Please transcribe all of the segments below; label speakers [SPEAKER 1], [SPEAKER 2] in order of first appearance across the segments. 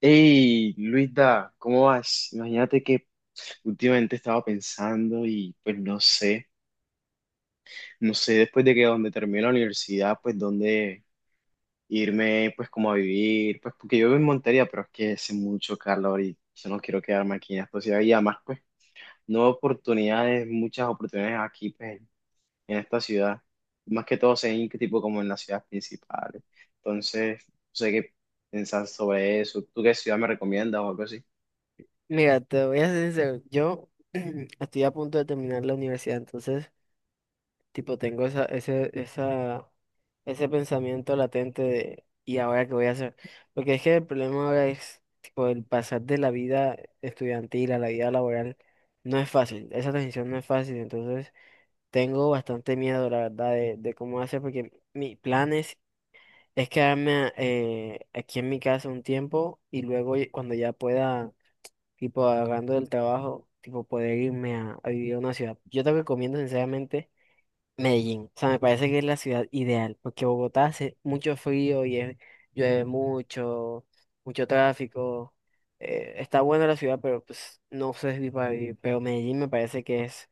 [SPEAKER 1] Hey, Luisa, ¿cómo vas? Imagínate que últimamente estaba pensando y pues no sé. Después de que donde termine la universidad, pues dónde irme, pues como a vivir, pues porque yo vivo en Montería, pero es que hace mucho calor y yo no quiero quedarme aquí en esta ciudad y además pues no hay oportunidades, muchas oportunidades aquí pues en esta ciudad, más que todo en que tipo como en las ciudades principales. Entonces, no sé qué pensar sobre eso. ¿Tú qué ciudad me recomiendas o algo así?
[SPEAKER 2] Mira, te voy a ser sincero, yo estoy a punto de terminar la universidad, entonces, tipo, tengo ese pensamiento latente de, ¿y ahora qué voy a hacer? Porque es que el problema ahora es, tipo, el pasar de la vida estudiantil a la vida laboral no es fácil, esa transición no es fácil, entonces tengo bastante miedo, la verdad, de cómo hacer, porque mi plan es quedarme aquí en mi casa un tiempo y luego cuando ya pueda tipo agarrando del trabajo, tipo poder irme a vivir a una ciudad. Yo te recomiendo sinceramente Medellín. O sea, me parece que es la ciudad ideal, porque Bogotá hace mucho frío y llueve mucho, mucho tráfico. Está buena la ciudad, pero pues no sé si para vivir. Pero Medellín me parece que es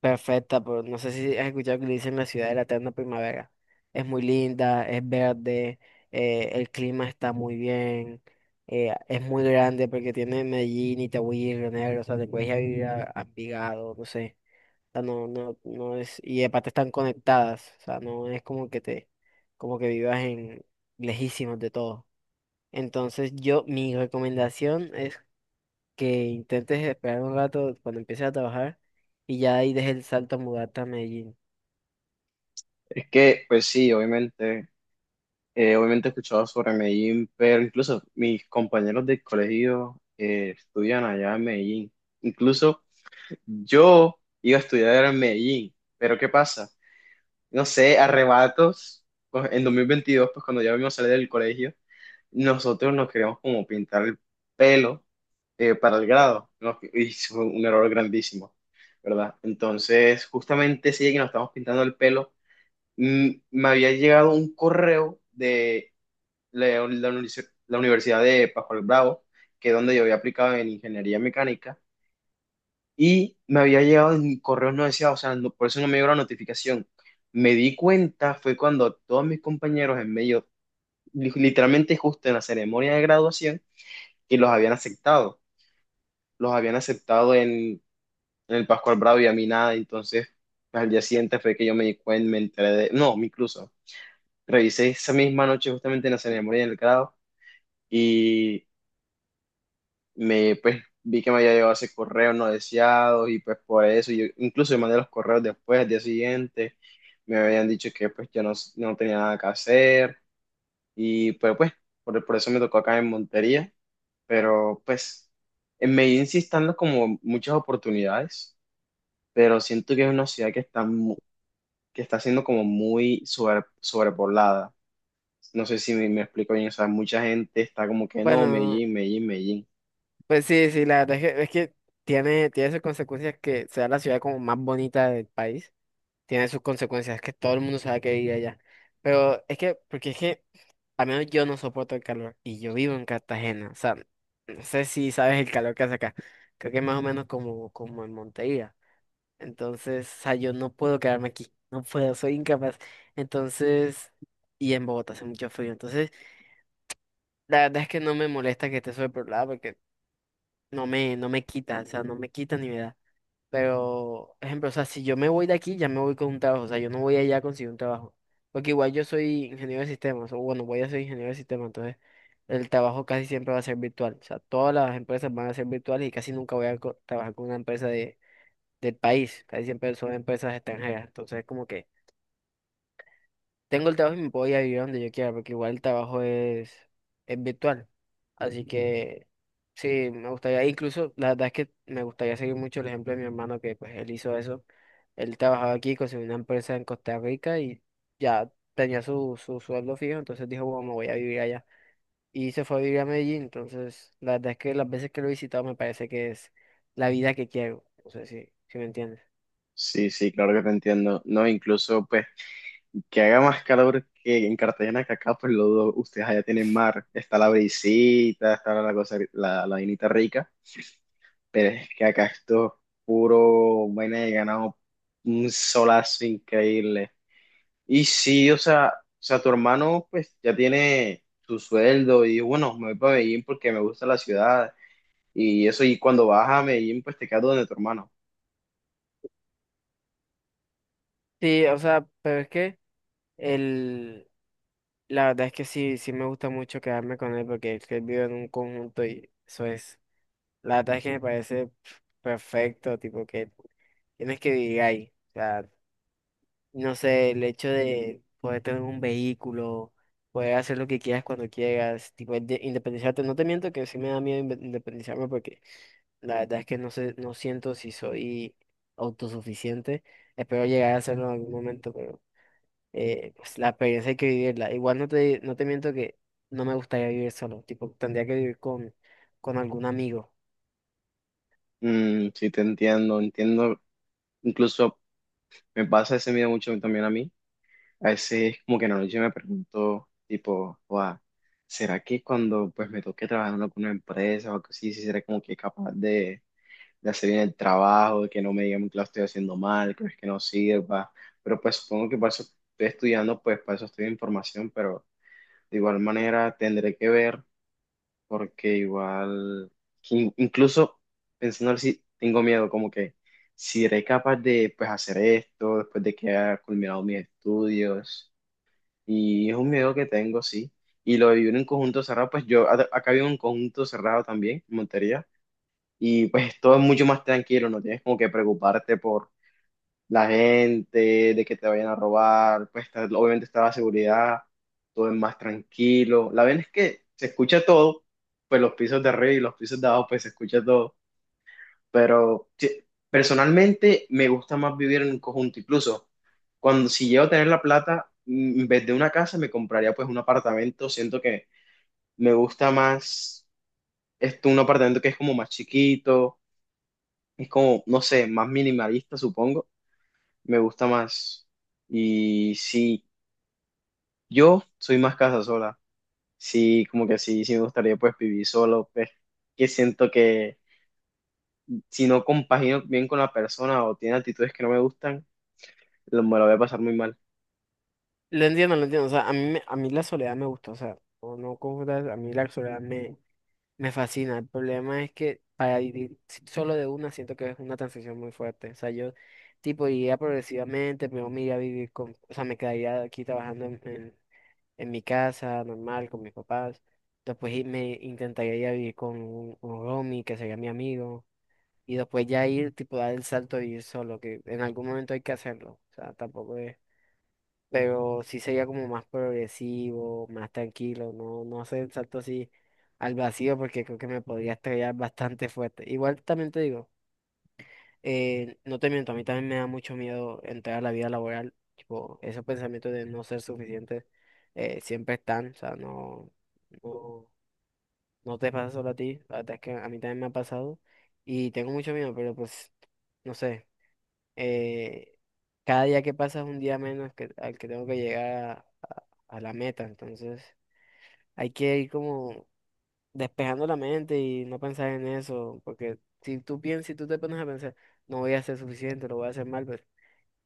[SPEAKER 2] perfecta, pero no sé si has escuchado que le dicen la ciudad de la eterna primavera. Es muy linda, es verde, el clima está muy bien, es muy grande porque tiene Medellín, Itagüí, Río Negro, o sea, te puedes ir a vivir a Envigado, no sé. O sea, no es, y aparte están conectadas, o sea, no es como que te, como que vivas en lejísimos de todo. Entonces yo, mi recomendación es que intentes esperar un rato cuando empieces a trabajar y ya ahí dejes el salto a mudarte a Medellín.
[SPEAKER 1] Es que, pues sí, obviamente, he escuchado sobre Medellín, pero incluso mis compañeros de colegio estudian allá en Medellín. Incluso yo iba a estudiar en Medellín, pero ¿qué pasa? No sé, arrebatos, pues, en 2022 pues cuando ya vimos salir del colegio, nosotros nos queríamos como pintar el pelo para el grado, ¿no? Y fue un error grandísimo, ¿verdad? Entonces, justamente sí que nos estamos pintando el pelo, me había llegado un correo de la Universidad de Pascual Bravo, que es donde yo había aplicado en ingeniería mecánica, y me había llegado en correos no deseados, o sea, por eso no me llegó la notificación. Me di cuenta fue cuando todos mis compañeros en medio, literalmente justo en la ceremonia de graduación, que los habían aceptado, los habían aceptado en el Pascual Bravo y a mí nada, entonces al día siguiente fue que yo me di cuenta, me enteré de, no, incluso, revisé esa misma noche justamente en la ceremonia del grado y me, pues, vi que me había llegado ese correo no deseado y pues por eso, yo incluso mandé los correos después, al día siguiente, me habían dicho que pues yo no tenía nada que hacer y pues, por eso me tocó acá en Montería, pero pues, en Medellín sí están los como muchas oportunidades, pero siento que es una ciudad que está siendo como muy sobrepoblada. No sé si me explico bien, o sea, mucha gente está como que no,
[SPEAKER 2] Bueno,
[SPEAKER 1] Medellín, Medellín, Medellín.
[SPEAKER 2] pues sí, sí, la verdad es es que tiene sus consecuencias que sea la ciudad como más bonita del país. Tiene sus consecuencias, que todo el mundo sabe que vive allá. Pero es que, porque es que, al menos yo no soporto el calor y yo vivo en Cartagena. O sea, no sé si sabes el calor que hace acá. Creo que es más o menos como en Montería. Entonces, o sea, yo no puedo quedarme aquí, no puedo, soy incapaz. Entonces, y en Bogotá hace mucho frío. Entonces, la verdad es que no me molesta que esté sobre porque no me quita, o sea, no me quita ni me da. Pero, ejemplo, o sea, si yo me voy de aquí, ya me voy con un trabajo, o sea, yo no voy allá a conseguir un trabajo. Porque igual yo soy ingeniero de sistemas, o bueno, voy a ser ingeniero de sistemas, entonces el trabajo casi siempre va a ser virtual. O sea, todas las empresas van a ser virtuales y casi nunca voy a trabajar con una empresa del país. Casi siempre son empresas extranjeras. Entonces, como que tengo el trabajo y me puedo ir a vivir donde yo quiera, porque igual el trabajo es virtual. Así que sí, me gustaría, e incluso la verdad es que me gustaría seguir mucho el ejemplo de mi hermano, que pues él hizo eso. Él trabajaba aquí, consiguió una empresa en Costa Rica y ya tenía su sueldo fijo, entonces dijo, bueno, me voy a vivir allá. Y se fue a vivir a Medellín, entonces la verdad es que las veces que lo he visitado me parece que es la vida que quiero. No sé si me entiendes.
[SPEAKER 1] Sí, sí, claro que te entiendo. No, incluso pues que haga más calor que en Cartagena que acá, pues lo dudo. Ustedes allá tienen mar, está la brisita, está la cosa, la vainita rica, pero es que acá esto es puro vaina de ganado, un solazo increíble. Y sí, o sea, tu hermano pues ya tiene su sueldo y bueno, me voy para Medellín porque me gusta la ciudad. Y eso, y cuando vas a Medellín, pues te quedas donde tu hermano.
[SPEAKER 2] Sí, o sea, pero es que el, la verdad es que sí, sí me gusta mucho quedarme con él porque es que él vive en un conjunto y eso es, la verdad es que me parece perfecto, tipo que tienes que vivir ahí. O sea, no sé, el hecho de poder tener un vehículo, poder hacer lo que quieras cuando quieras, tipo de independizarte, no te miento que sí me da miedo independizarme porque la verdad es que no sé, no siento si soy autosuficiente. Espero llegar a hacerlo en algún momento, pues la experiencia hay que vivirla. Igual no te miento que no me gustaría vivir solo, tipo, tendría que vivir con algún amigo.
[SPEAKER 1] Mm, sí, te entiendo, entiendo. Incluso me pasa ese miedo mucho también a mí. A veces como que en la noche me pregunto, tipo, "Guau, ¿será que cuando pues me toque trabajar en alguna empresa o algo así, si será como que capaz de hacer bien el trabajo, de que no me digan que lo estoy haciendo mal, que no es que no sirva?" Pero pues supongo que para eso estoy estudiando, pues para eso estoy en formación, pero de igual manera tendré que ver porque igual, incluso pensando si tengo miedo, como que si seré capaz de pues, hacer esto después de que haya culminado mis estudios. Y es un miedo que tengo, sí. Y lo de vivir en conjunto cerrado, pues yo acá vivo en un conjunto cerrado también, en Montería, y pues todo es mucho más tranquilo, no tienes como que preocuparte por la gente, de que te vayan a robar, pues obviamente está la seguridad, todo es más tranquilo. La verdad es que se escucha todo, pues los pisos de arriba y los pisos de abajo, pues se escucha todo. Pero sí, personalmente me gusta más vivir en un conjunto, incluso cuando si llego a tener la plata, mm, en vez de una casa me compraría pues un apartamento, siento que me gusta más esto, un apartamento que es como más chiquito, es como, no sé, más minimalista, supongo me gusta más. Y sí, yo soy más casa sola. Sí, como que sí, sí me gustaría pues vivir solo, pues que siento que si no compagino bien con la persona o tiene actitudes que no me gustan, me lo voy a pasar muy mal.
[SPEAKER 2] Lo entiendo, o sea, a mí, a mí la soledad me gusta, o sea, o no confundas, a mí la soledad me fascina. El problema es que para vivir solo de una siento que es una transición muy fuerte, o sea, yo, tipo, iría progresivamente, primero me iría a vivir con, o sea, me quedaría aquí trabajando en mi casa, normal, con mis papás. Después me intentaría ir a vivir con un roomie que sería mi amigo. Y después ya ir, tipo, dar el salto de vivir solo, que en algún momento hay que hacerlo. O sea, tampoco es. Pero sí sería como más progresivo, más tranquilo, no hacer el salto así al vacío porque creo que me podría estrellar bastante fuerte. Igual también te digo. No te miento, a mí también me da mucho miedo entrar a la vida laboral. Tipo, esos pensamientos de no ser suficiente siempre están. O sea, no, no te pasa solo a ti. La verdad es que a mí también me ha pasado. Y tengo mucho miedo, pero pues, no sé. Eh, cada día que pasa es un día menos al que tengo que llegar a- a la meta. Entonces, hay que ir como despejando la mente y no pensar en eso. Porque si tú piensas, si tú te pones a pensar, no voy a ser suficiente, lo voy a hacer mal, pues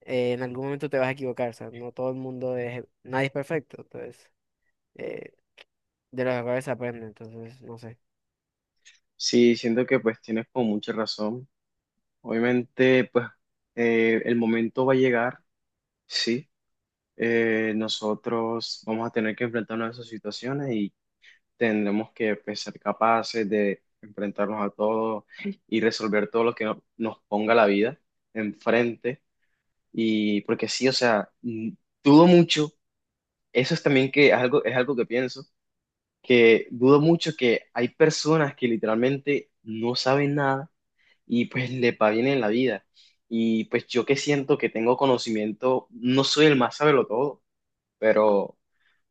[SPEAKER 2] en algún momento te vas a equivocar, o sea, no todo el mundo es, nadie es perfecto, entonces, eh, de los errores se aprende, entonces, no sé.
[SPEAKER 1] Sí, siento que pues tienes como mucha razón. Obviamente, pues el momento va a llegar, sí. Nosotros vamos a tener que enfrentarnos a esas situaciones, tendremos que pues, ser capaces de enfrentarnos a todo y resolver todo lo que nos ponga la vida enfrente. Y porque sí, o sea, dudo mucho, eso es también que es algo que pienso, que dudo mucho que hay personas que literalmente no saben nada y pues le va bien en la vida. Y pues yo que siento que tengo conocimiento, no soy el más todo, pero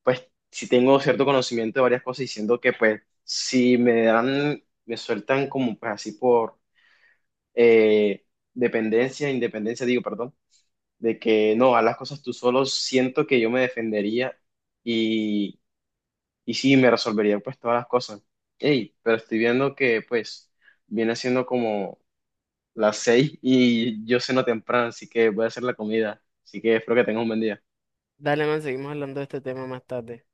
[SPEAKER 1] pues sí tengo cierto conocimiento de varias cosas y siento que pues si me dan, me sueltan como pues así por eh, dependencia, independencia, digo, perdón, de que no, a las cosas tú solo, siento que yo me defendería y, y sí, me resolvería pues todas las cosas. Ey, pero estoy viendo que pues viene siendo como las 6 y yo ceno temprano, así que voy a hacer la comida, así que espero que tengas un buen día.
[SPEAKER 2] Dale, man, seguimos hablando de este tema más tarde.